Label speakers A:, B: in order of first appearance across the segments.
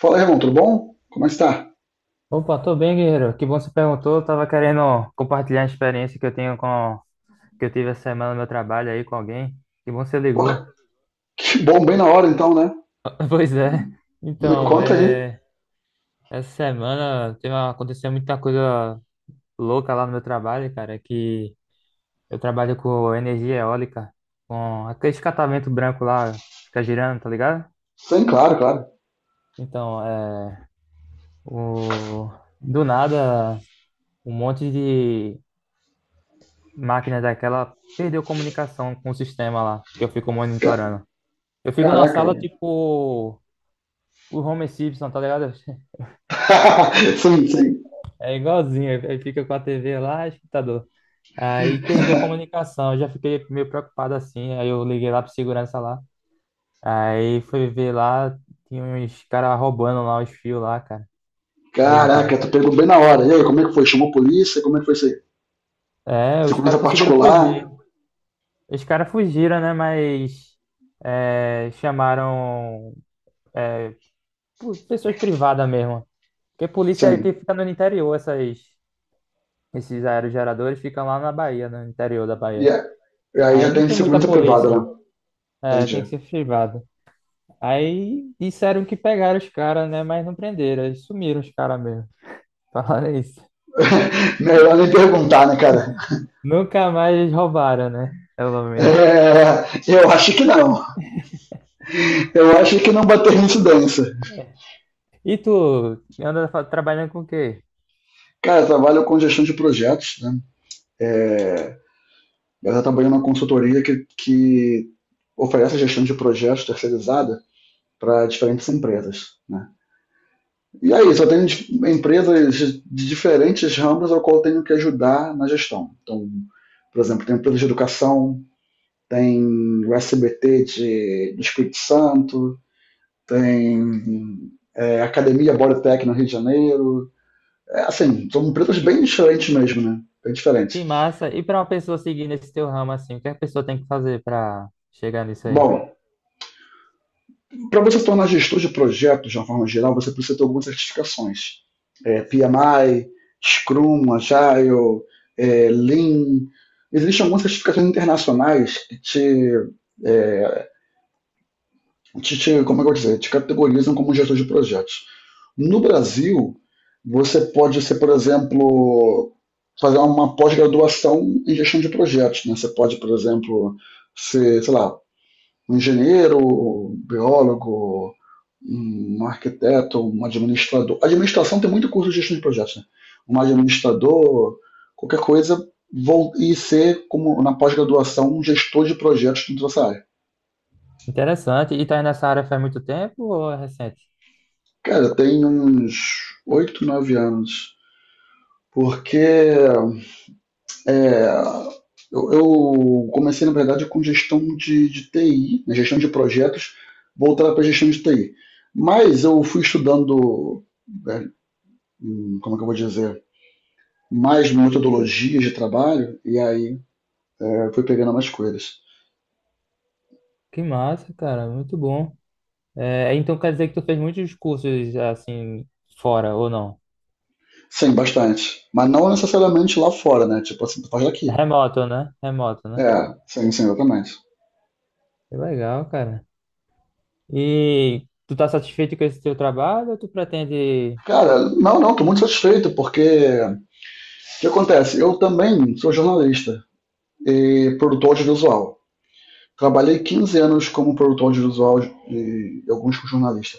A: Fala aí, irmão, tudo bom? Como é que está?
B: Opa, tô bem, guerreiro. Que bom que você perguntou. Eu tava querendo compartilhar a experiência que eu tive essa semana no meu trabalho aí com alguém. Que bom que você ligou.
A: Porra, que bom, bem na hora então, né?
B: Pois é.
A: Me
B: Então,
A: conta aí.
B: essa semana aconteceu muita coisa louca lá no meu trabalho, cara, que eu trabalho com energia eólica, com aquele catavento branco lá, fica girando, tá ligado?
A: Sim, claro, claro.
B: Então, o... do nada, um monte de máquina daquela perdeu comunicação com o sistema lá, que eu fico
A: Ca-
B: monitorando. Eu fico numa
A: Caraca,
B: sala
A: mano.
B: tipo o Homer Simpson, tá ligado?
A: Sim, sim.
B: É igualzinho, aí fica com a TV lá, escutador. Aí perdeu a comunicação, eu já fiquei meio preocupado assim, aí eu liguei lá pro segurança lá. Aí fui ver lá, tinha uns caras roubando lá os fios lá, cara. Doideira.
A: Caraca, tu pegou bem na hora. E aí, como é que foi? Chamou a polícia? Como é que foi isso aí?
B: É, os
A: Segurança
B: caras conseguiram fugir.
A: particular?
B: Os caras fugiram, né? Mas chamaram é, pessoas privadas mesmo. Porque polícia é que
A: Sim.
B: fica no interior, esses aerogeradores ficam lá na Bahia, no interior da
A: E
B: Bahia.
A: a- e aí
B: Aí
A: já
B: não
A: tem
B: tem muita
A: segurança privada, né?
B: polícia. É, tem que
A: Entendi.
B: ser privado. Aí disseram que pegaram os caras, né? Mas não prenderam. Eles sumiram os caras mesmo. Falaram isso.
A: Melhor nem perguntar, né, cara?
B: Nunca mais eles roubaram, né? Pelo menos.
A: É, eu acho que não. Eu acho que não bater incidência.
B: E tu anda trabalhando com o quê?
A: Cara, eu trabalho com gestão de projetos, né? Ela está trabalhando numa consultoria que oferece gestão de projetos terceirizada para diferentes empresas. Né? E aí, só tenho empresas de diferentes ramos ao qual eu tenho que ajudar na gestão. Então, por exemplo, tem empresas de educação, tem o SBT do Espírito Santo, tem Academia Bodytech no Rio de Janeiro. É, assim, são empresas
B: Que,
A: bem diferentes mesmo, né? Bem diferentes.
B: que massa. E pra uma pessoa seguir nesse teu ramo assim, o que a pessoa tem que fazer pra chegar nisso aí?
A: Bom, para você tornar gestor de projetos de uma forma geral, você precisa ter algumas certificações. PMI, Scrum, Agile, Lean. Existem algumas certificações internacionais que te, é, como é que eu vou dizer, te categorizam como gestor de projetos. No Brasil, você pode ser, por exemplo, fazer uma pós-graduação em gestão de projetos. Né? Você pode, por exemplo, ser, sei lá, um engenheiro, um biólogo, um arquiteto, um administrador. Administração tem muito curso de gestão de projetos, né? Um administrador, qualquer coisa, vou, e ser, como na pós-graduação, um gestor de projetos dentro dessa área.
B: Interessante. E tá aí nessa área faz muito tempo ou é recente?
A: Cara, tem uns 8, 9 anos. Porque eu, eu comecei, na verdade, com gestão de TI, né, gestão de projetos, voltada para gestão de TI. Mas eu fui estudando, é, como é que eu vou dizer, mais metodologias de trabalho e aí fui pegando mais coisas.
B: Que massa, cara. Muito bom. É, então quer dizer que tu fez muitos cursos assim fora ou não?
A: Sim, bastante. Mas não necessariamente lá fora, né? Tipo assim, tu faz daqui.
B: Remoto, né? Remoto, né?
A: É, sim, sim, exatamente.
B: Que legal, cara. E tu tá satisfeito com esse teu trabalho ou tu pretende...
A: Cara, não, não, tô muito satisfeito, porque o que acontece? Eu também sou jornalista e produtor audiovisual. Trabalhei 15 anos como produtor audiovisual e alguns com jornalista.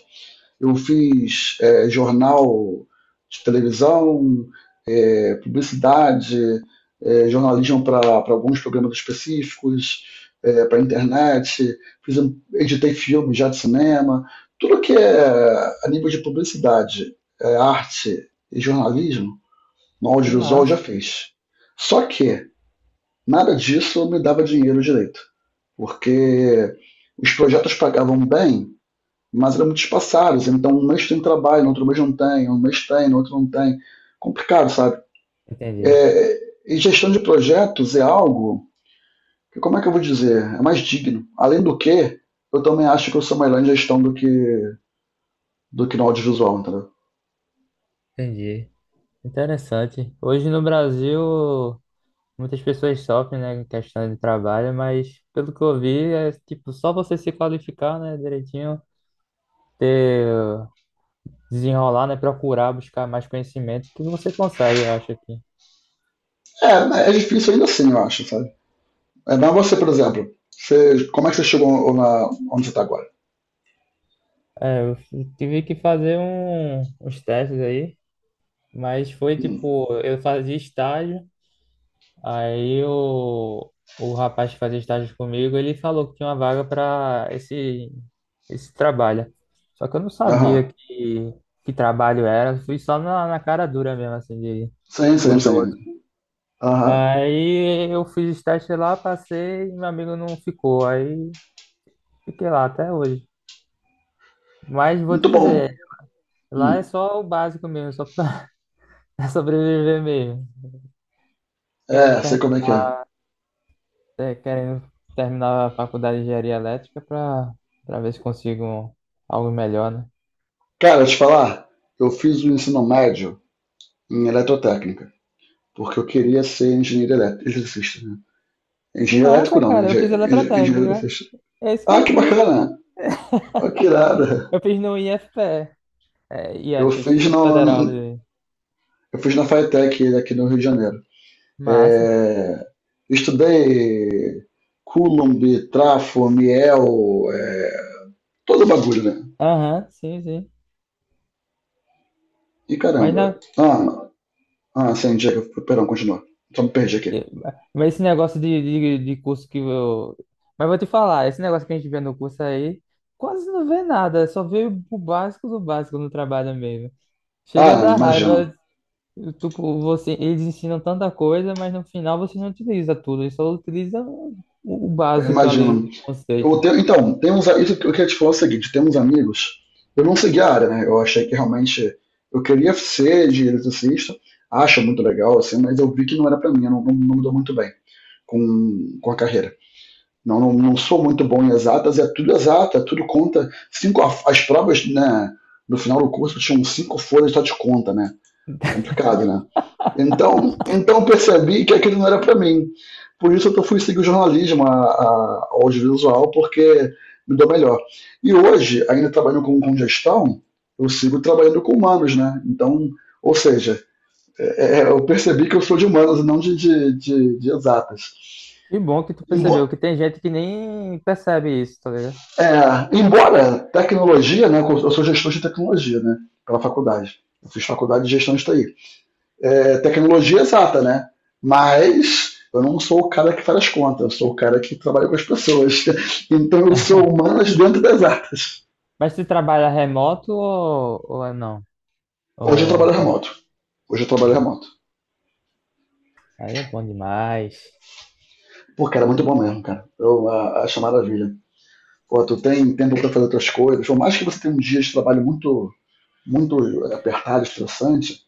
A: Eu fiz jornal de televisão, publicidade, jornalismo para alguns programas específicos, para a internet, fiz, um, editei filmes já de cinema, tudo que é a nível de publicidade, arte e jornalismo, no
B: Que
A: audiovisual eu já
B: massa.
A: fiz. Só que nada disso me dava dinheiro direito, porque os projetos pagavam bem, mas eram muito espaçados. Então, um mês tem trabalho, no outro mês não tem, um mês tem, no outro não tem. Complicado, sabe? É,
B: Entendi.
A: e gestão de projetos é algo que, como é que eu vou dizer? É mais digno. Além do que, eu também acho que eu sou melhor em gestão do que no audiovisual, entendeu?
B: Entendi. Interessante. Hoje no Brasil, muitas pessoas sofrem, né, em questão de trabalho, mas pelo que eu vi, é tipo só você se qualificar, né, direitinho, ter desenrolar, né? Procurar, buscar mais conhecimento que você consegue, eu acho aqui.
A: É, né, é difícil ainda assim, eu acho, sabe? É, mas você, por exemplo, você, como é que você chegou na, onde você está agora?
B: É, eu tive que fazer uns testes aí, mas foi
A: Hum.
B: tipo, eu fazia estágio, aí o rapaz que fazia estágio comigo, ele falou que tinha uma vaga para esse trabalho. Só que eu não sabia
A: Aham.
B: que trabalho era, fui só na, cara dura mesmo, assim, de
A: Sim, sim, sim.
B: curioso.
A: Aham.
B: Aí eu fiz estágio lá, passei, e meu amigo não ficou, aí fiquei lá até hoje. Mas vou te
A: Muito
B: dizer,
A: bom.
B: lá é
A: Hum.
B: só o básico mesmo, só pra pra sobreviver mesmo. Querendo,
A: É, sei
B: ter-
A: como é que é.
B: querendo terminar a faculdade de engenharia elétrica pra, ver se consigo algo melhor, né?
A: Cara, eu te falar, eu fiz o ensino médio em eletrotécnica, porque eu queria ser engenheiro elétrico, eletricista, né?
B: Que
A: Engenheiro elétrico
B: massa,
A: não, né?
B: cara, eu fiz
A: Engenheiro
B: eletrotécnica.
A: eletricista.
B: É isso que
A: Ah,
B: eu
A: que
B: fiz.
A: bacana! Né? Ah, que irada!
B: Eu fiz no IFPE, é,
A: Eu
B: IF,
A: fiz,
B: Instituto
A: no,
B: Federal de...
A: eu fiz na FATEC aqui no Rio de Janeiro.
B: Massa.
A: É, estudei Coulomb, trafo, miel, todo o bagulho, né?
B: Aham, sim, sim.
A: E
B: Mas
A: caramba.
B: na,
A: Sim, Diego, perdão, continua. Só me perdi aqui.
B: É, Mas esse negócio de curso que eu. Mas vou te falar, esse negócio que a gente vê no curso aí, quase não vê nada, só vê o básico do básico no trabalho mesmo. Chega a
A: Ah,
B: dar
A: imagina.
B: raiva, tipo, você, eles ensinam tanta coisa, mas no final você não utiliza tudo, eles só utiliza o
A: Eu
B: básico ali
A: imagino.
B: de conceito.
A: Então, tem uns, isso que eu queria te falar é o seguinte, tem uns amigos, eu não segui a área, né? Eu achei que realmente eu queria ser de eletricista, acho muito legal, assim, mas eu vi que não era pra mim, eu não, não, não me dou muito bem com a carreira. Não sou muito bom em exatas, é tudo exato, é tudo conta. Cinco, as provas, né, no final do curso tinham cinco folhas só de conta, né? Complicado, né? Então percebi que aquilo não era para mim. Por isso eu fui seguir o jornalismo, ao audiovisual, porque me deu melhor. E hoje, ainda trabalhando com gestão, eu sigo trabalhando com humanos, né? Então, ou seja, eu percebi que eu sou de humanos e não de exatas.
B: Que bom que tu
A: Embo
B: percebeu, que tem gente que nem percebe isso, tá ligado?
A: embora tecnologia, né? Eu sou gestor de tecnologia, né? Pela faculdade. Eu fiz faculdade de gestão de TI. É tecnologia exata, né? Mas eu não sou o cara que faz as contas, eu sou o cara que trabalha com as pessoas. Então eu sou humanas dentro das artes.
B: Mas tu trabalha remoto ou, é não? Ou
A: Hoje eu trabalho
B: é
A: remoto. Hoje eu trabalho
B: remoto?
A: remoto.
B: Aí é bom demais.
A: Pô, cara, é muito bom mesmo, cara. Acho maravilha. Pô, tu tem tempo para fazer outras coisas. Por mais que você tenha um dia de trabalho muito apertado, estressante,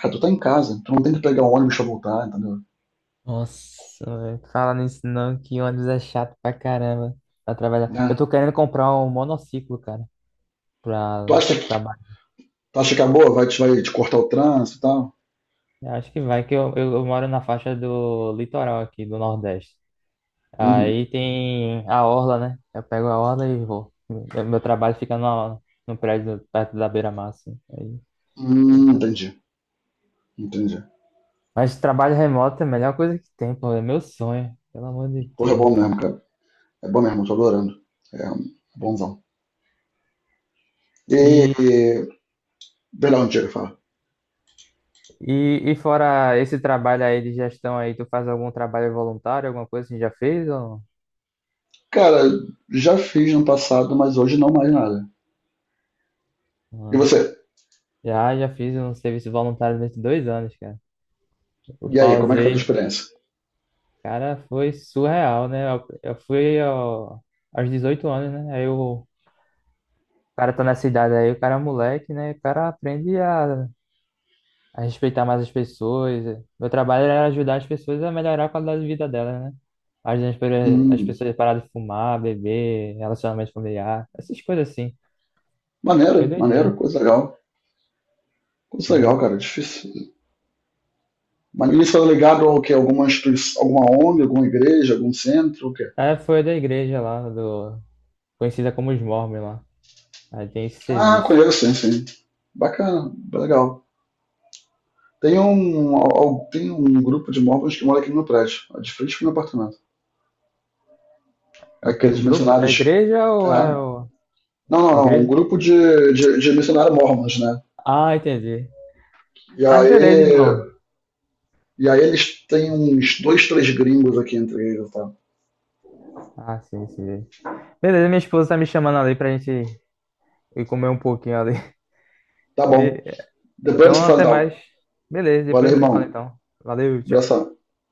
A: cara, tu tá em casa. Tu não tem que pegar um ônibus pra voltar, entendeu?
B: Nossa, velho. Fala nisso não, que ônibus é chato pra caramba pra trabalhar. Eu
A: Né?
B: tô querendo comprar um monociclo, cara,
A: Tu
B: pra
A: acha que,
B: trabalhar.
A: tu acha que acabou? Vai te cortar o trânsito e tal?
B: Eu acho que vai, que eu, moro na faixa do litoral aqui, do Nordeste.
A: Uhum.
B: Aí tem a orla, né? Eu pego a orla e vou. Meu trabalho fica no prédio perto da beira-mar, assim. Aí, legal.
A: Entendi. Entendi.
B: Mas trabalho remoto é a melhor coisa que tem, pô. É meu sonho, pelo amor de
A: Corre é bom
B: Deus.
A: mesmo, cara. É bom mesmo, eu tô adorando. É um, bonzão. E,
B: E
A: e verão antigo, fala.
B: e fora esse trabalho aí de gestão aí, tu faz algum trabalho voluntário, alguma coisa que já fez ou
A: Cara, já fiz no passado, mas hoje não mais nada. E
B: não?
A: você?
B: Já, já fiz um serviço voluntário durante 2 anos, cara. Eu
A: E aí, como é que foi a tua
B: pausei.
A: experiência?
B: Cara, foi surreal, né? Eu fui ó, aos 18 anos, né? Aí o cara tá nessa idade aí, o cara é moleque, né? O cara aprende a respeitar mais as pessoas. Meu trabalho era ajudar as pessoas a melhorar a qualidade de vida delas, né? Ajudando as as
A: Hum,
B: pessoas a parar de fumar, beber, relacionamento familiar, essas coisas assim. Foi
A: maneiro, maneiro,
B: doideira.
A: coisa legal. Coisa legal,
B: Né?
A: cara, difícil. Mas isso é ligado ao quê? Alguma instituição, alguma ONG, alguma igreja, algum centro, o quê?
B: É. É, foi da igreja lá, do, conhecida como os Mormons lá. Aí tem esse
A: Ah,
B: serviço.
A: conheço, sim, sim. Bacana, legal. Tem um grupo de móveis que mora aqui no meu prédio, de frente pro meu apartamento.
B: É o quê? O
A: Aqueles
B: grupo? É a
A: missionários.
B: igreja ou
A: Ah,
B: é o...
A: não, não,
B: a
A: não, um
B: igreja?
A: grupo de missionários mormons, né?
B: Ah, entendi.
A: E
B: Ah,
A: aí,
B: beleza, irmão.
A: e aí eles têm uns dois, três gringos aqui entre eles, tá?
B: Ah, sim, sim. Beleza, minha esposa tá me chamando ali pra gente ir comer um pouquinho ali.
A: Tá bom.
B: Be-
A: Depois a gente se
B: Então,
A: fala
B: até
A: então.
B: mais. Beleza,
A: Valeu,
B: depois a gente se fala
A: irmão.
B: então. Valeu, tchau.
A: Abração.